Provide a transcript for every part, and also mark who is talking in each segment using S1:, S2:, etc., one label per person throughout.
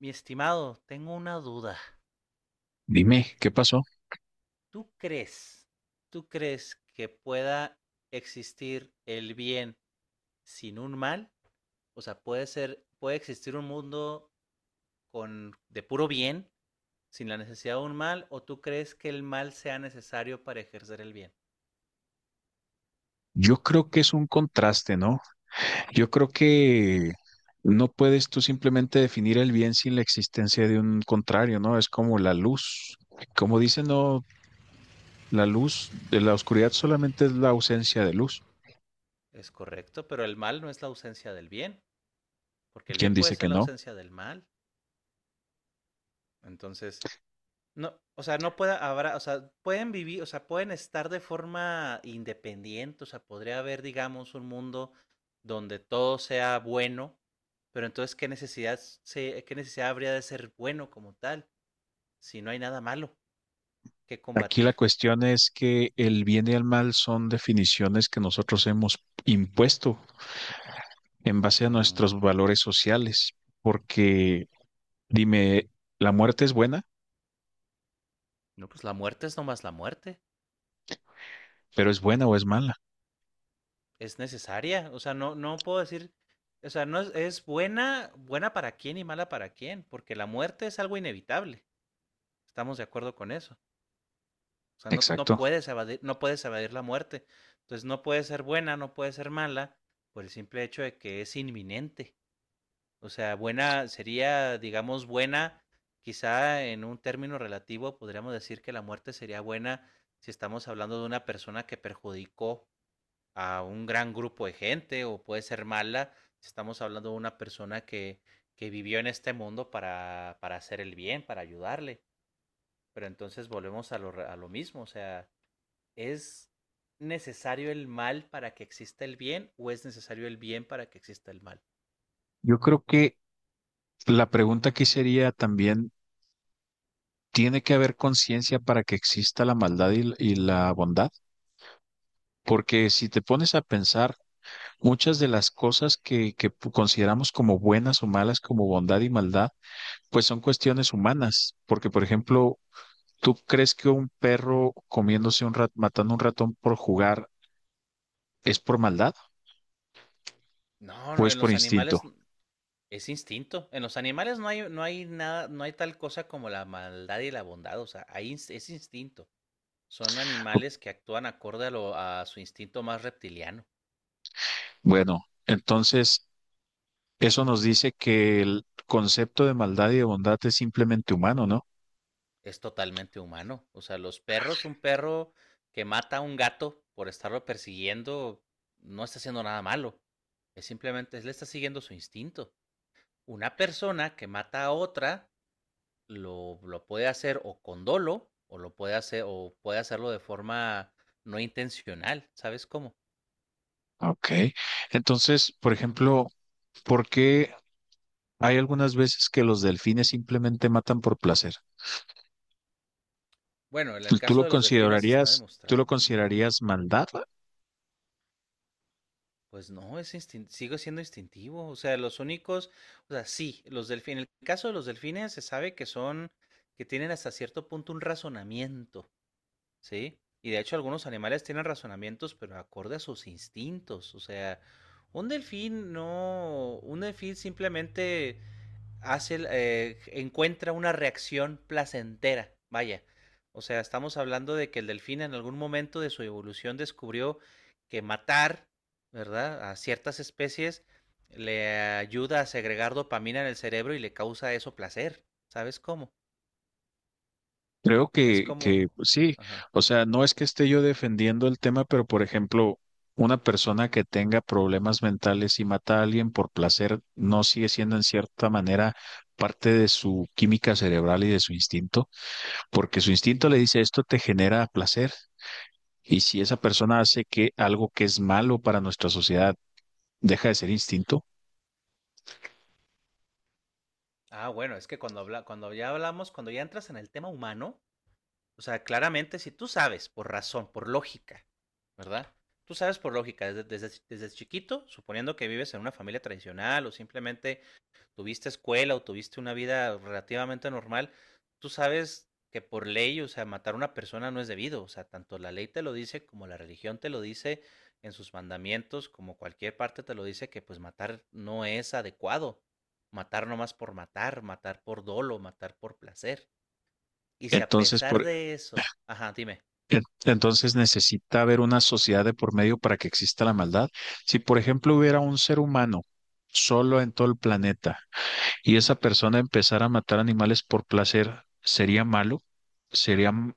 S1: Mi estimado, tengo una duda.
S2: Dime, ¿qué pasó?
S1: ¿Tú crees, tú crees que pueda existir el bien sin un mal? O sea, puede ser, puede existir un mundo con de puro bien sin la necesidad de un mal, ¿o tú crees que el mal sea necesario para ejercer el bien?
S2: Yo creo que es un contraste, ¿no? Yo creo que no puedes tú simplemente definir el bien sin la existencia de un contrario, ¿no? Es como la luz. Como dicen, no, la luz de la oscuridad solamente es la ausencia de luz.
S1: Es correcto, pero el mal no es la ausencia del bien, porque el
S2: ¿Quién
S1: bien puede
S2: dice que
S1: ser la
S2: no?
S1: ausencia del mal. Entonces, no, o sea, no pueda, habrá, o sea, pueden vivir, o sea, pueden estar de forma independiente, o sea, podría haber, digamos, un mundo donde todo sea bueno, pero entonces, ¿ qué necesidad habría de ser bueno como tal si no hay nada malo que
S2: Aquí la
S1: combatir?
S2: cuestión es que el bien y el mal son definiciones que nosotros hemos impuesto en base a nuestros
S1: Ujú.
S2: valores sociales, porque dime, ¿la muerte es buena?
S1: No, pues la muerte es nomás la muerte,
S2: ¿Pero es buena o es mala?
S1: es necesaria, o sea, no puedo decir, o sea, no es, es buena, buena para quién y mala para quién, porque la muerte es algo inevitable, estamos de acuerdo con eso. O sea, no, no
S2: Exacto.
S1: puedes evadir, no puedes evadir la muerte. Entonces no puede ser buena, no puede ser mala, por el simple hecho de que es inminente. O sea, buena sería, digamos, buena, quizá en un término relativo podríamos decir que la muerte sería buena si estamos hablando de una persona que perjudicó a un gran grupo de gente, o puede ser mala si estamos hablando de una persona que vivió en este mundo para hacer el bien, para ayudarle. Pero entonces volvemos a lo mismo, o sea, ¿es necesario el mal para que exista el bien o es necesario el bien para que exista el mal?
S2: Yo creo que la pregunta aquí sería también, ¿tiene que haber conciencia para que exista la maldad y la bondad? Porque si te pones a pensar, muchas de las cosas que consideramos como buenas o malas, como bondad y maldad, pues son cuestiones humanas. Porque, por ejemplo, ¿tú crees que un perro matando un ratón por jugar es por maldad
S1: No,
S2: o
S1: no,
S2: es
S1: en
S2: por
S1: los
S2: instinto?
S1: animales es instinto. En los animales no hay, no hay nada, no hay tal cosa como la maldad y la bondad. O sea, hay, es instinto. Son animales que actúan acorde a, a su instinto más reptiliano.
S2: Bueno, entonces... eso nos dice que el concepto de maldad y de bondad es simplemente humano, ¿no?
S1: Es totalmente humano. O sea, los perros, un perro que mata a un gato por estarlo persiguiendo, no está haciendo nada malo. Es simplemente, le está siguiendo su instinto. Una persona que mata a otra lo puede hacer o con dolo o lo puede hacer o puede hacerlo de forma no intencional, ¿sabes cómo?
S2: Ok. Entonces, por ejemplo, ¿por qué hay algunas veces que los delfines simplemente matan por placer?
S1: Bueno, en el
S2: ¿Tú
S1: caso
S2: lo
S1: de los delfines está
S2: considerarías, tú lo
S1: demostrado.
S2: considerarías maldad?
S1: Pues no, sigue siendo instintivo, o sea, los únicos, o sea, sí, los delfines, en el caso de los delfines se sabe que son que tienen hasta cierto punto un razonamiento. Sí, y de hecho algunos animales tienen razonamientos, pero acorde a sus instintos. O sea, un delfín no, un delfín simplemente hace, encuentra una reacción placentera. Vaya, o sea, estamos hablando de que el delfín en algún momento de su evolución descubrió que matar, ¿verdad?, a ciertas especies le ayuda a segregar dopamina en el cerebro y le causa eso placer. ¿Sabes cómo?
S2: Creo
S1: Es como...
S2: que sí.
S1: Ajá.
S2: O sea, no es que esté yo defendiendo el tema, pero por ejemplo, una persona que tenga problemas mentales y mata a alguien por placer, ¿no sigue siendo en cierta manera parte de su química cerebral y de su instinto? Porque su instinto le dice esto te genera placer. Y si esa persona hace que algo que es malo para nuestra sociedad deja de ser instinto,
S1: Ah, bueno, es que cuando habla, cuando ya hablamos, cuando ya entras en el tema humano, o sea, claramente si tú sabes por razón, por lógica, ¿verdad? Tú sabes por lógica, desde chiquito, suponiendo que vives en una familia tradicional o simplemente tuviste escuela o tuviste una vida relativamente normal, tú sabes que por ley, o sea, matar a una persona no es debido, o sea, tanto la ley te lo dice como la religión te lo dice en sus mandamientos, como cualquier parte te lo dice que pues matar no es adecuado, matar nomás por matar, matar por dolo, matar por placer. Y si a
S2: entonces,
S1: pesar de eso, ajá, dime.
S2: entonces necesita haber una sociedad de por medio para que exista la maldad. Si, por ejemplo, hubiera un ser humano solo en todo el planeta y esa persona empezara a matar animales por placer, ¿sería malo? ¿Sería m-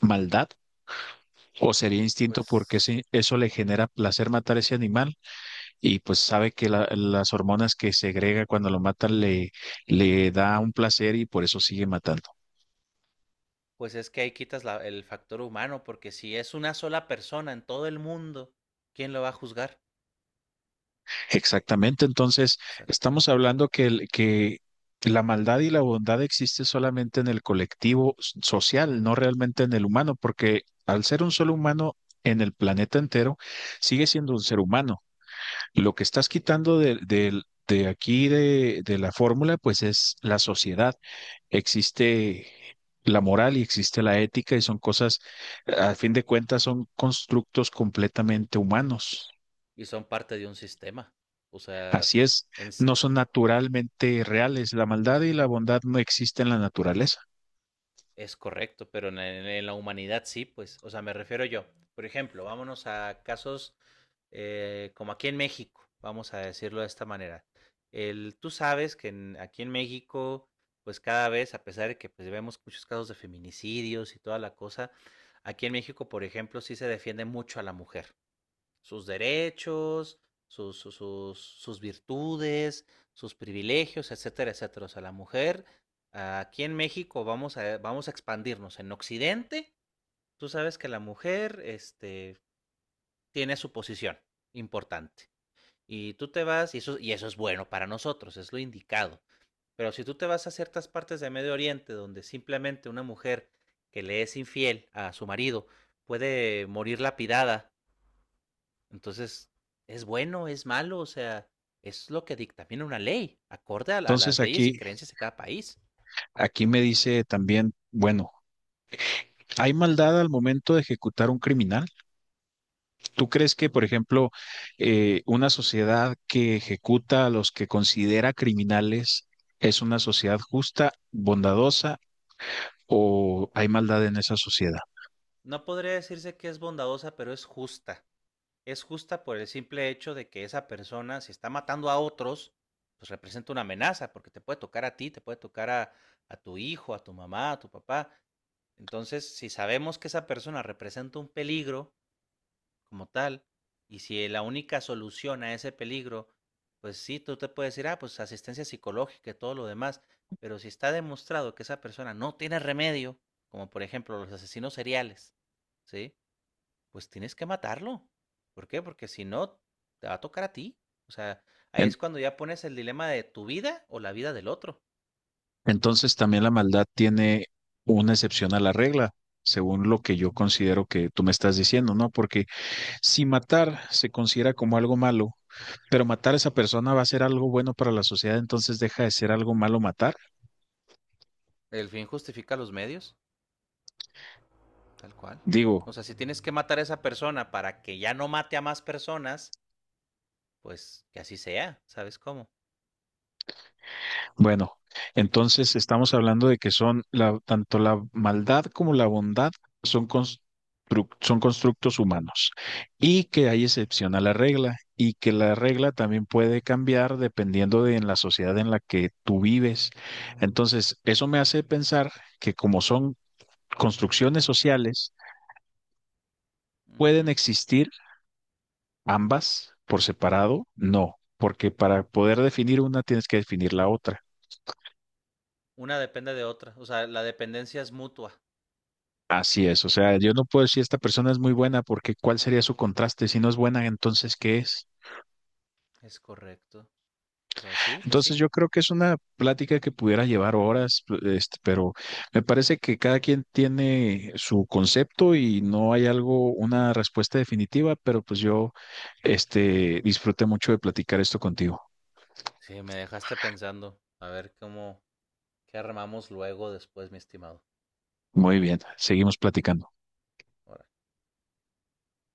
S2: maldad? ¿O sería instinto porque
S1: Pues
S2: sí, eso le genera placer matar ese animal? Y pues sabe que las hormonas que segrega cuando lo mata le, le da un placer y por eso sigue matando.
S1: Pues es que ahí quitas el factor humano, porque si es una sola persona en todo el mundo, ¿quién lo va a juzgar?
S2: Exactamente, entonces estamos
S1: Exactamente.
S2: hablando que, que la maldad y la bondad existe solamente en el colectivo social, no realmente en el humano, porque al ser un solo humano en el planeta entero, sigue siendo un ser humano. Lo que estás
S1: Sí.
S2: quitando de aquí de la fórmula, pues es la sociedad. Existe la moral y existe la ética y son cosas, a fin de cuentas, son constructos completamente humanos.
S1: Y son parte de un sistema. O sea,
S2: Así es,
S1: es,
S2: no son naturalmente reales. La maldad y la bondad no existen en la naturaleza.
S1: es correcto, pero la humanidad sí, pues. O sea, me refiero yo. Por ejemplo, vámonos a casos como aquí en México, vamos a decirlo de esta manera. El, tú sabes que en, aquí en México, pues cada vez, a pesar de que pues, vemos muchos casos de feminicidios y toda la cosa, aquí en México, por ejemplo, sí se defiende mucho a la mujer. Sus derechos, sus virtudes, sus privilegios, etcétera, etcétera. O sea, la mujer aquí en México vamos a expandirnos. En Occidente, tú sabes que la mujer este, tiene su posición importante. Y tú te vas, y eso es bueno para nosotros, es lo indicado. Pero si tú te vas a ciertas partes de Medio Oriente donde simplemente una mujer que le es infiel a su marido puede morir lapidada, entonces, ¿es bueno, es malo? O sea, es lo que dictamina una ley, acorde a las
S2: Entonces
S1: leyes y
S2: aquí,
S1: creencias de cada país.
S2: aquí me dice también, bueno, ¿hay maldad al momento de ejecutar un criminal? ¿Tú crees que, por ejemplo, una sociedad que ejecuta a los que considera criminales es una sociedad justa, bondadosa o hay maldad en esa sociedad?
S1: No podría decirse que es bondadosa, pero es justa. Es justa por el simple hecho de que esa persona, si está matando a otros, pues representa una amenaza, porque te puede tocar a ti, te puede tocar a tu hijo, a tu mamá, a tu papá. Entonces, si sabemos que esa persona representa un peligro, como tal. Y si la única solución a ese peligro, pues sí, tú te puedes decir, ah, pues asistencia psicológica y todo lo demás, pero si está demostrado que esa persona no tiene remedio, como por ejemplo los asesinos seriales, ¿sí? Pues tienes que matarlo. ¿Por qué? Porque si no, te va a tocar a ti. O sea, ahí
S2: En-
S1: es cuando ya pones el dilema de tu vida o la vida del otro.
S2: entonces también la maldad tiene una excepción a la regla, según lo que yo considero que tú me estás diciendo, ¿no? Porque si matar se considera como algo malo, pero matar a esa persona va a ser algo bueno para la sociedad, entonces deja de ser algo malo matar.
S1: El fin justifica los medios, tal cual.
S2: Digo,
S1: O sea, si tienes que matar a esa persona para que ya no mate a más personas, pues que así sea, ¿sabes cómo?
S2: bueno, entonces estamos hablando de que son la, tanto la maldad como la bondad son, son constructos humanos y que hay excepción a la regla y que la regla también puede cambiar dependiendo de en la sociedad en la que tú vives. Entonces, eso me hace pensar que como son construcciones sociales, pueden
S1: Ujú.
S2: existir ambas por separado, no, porque para poder definir una tienes que definir la otra.
S1: Una depende de otra, o sea, la dependencia es mutua.
S2: Así es, o sea, yo no puedo decir esta persona es muy buena porque ¿cuál sería su contraste? Si no es buena, entonces ¿qué es?
S1: Es correcto. O sea, sí, pues
S2: Entonces
S1: sí.
S2: yo creo que es una plática que pudiera llevar horas, este, pero me parece que cada quien tiene su concepto y no hay algo, una respuesta definitiva, pero pues yo, este, disfruté mucho de platicar esto contigo.
S1: Sí, me dejaste pensando. A ver cómo, qué armamos luego después, mi estimado.
S2: Muy bien, seguimos platicando.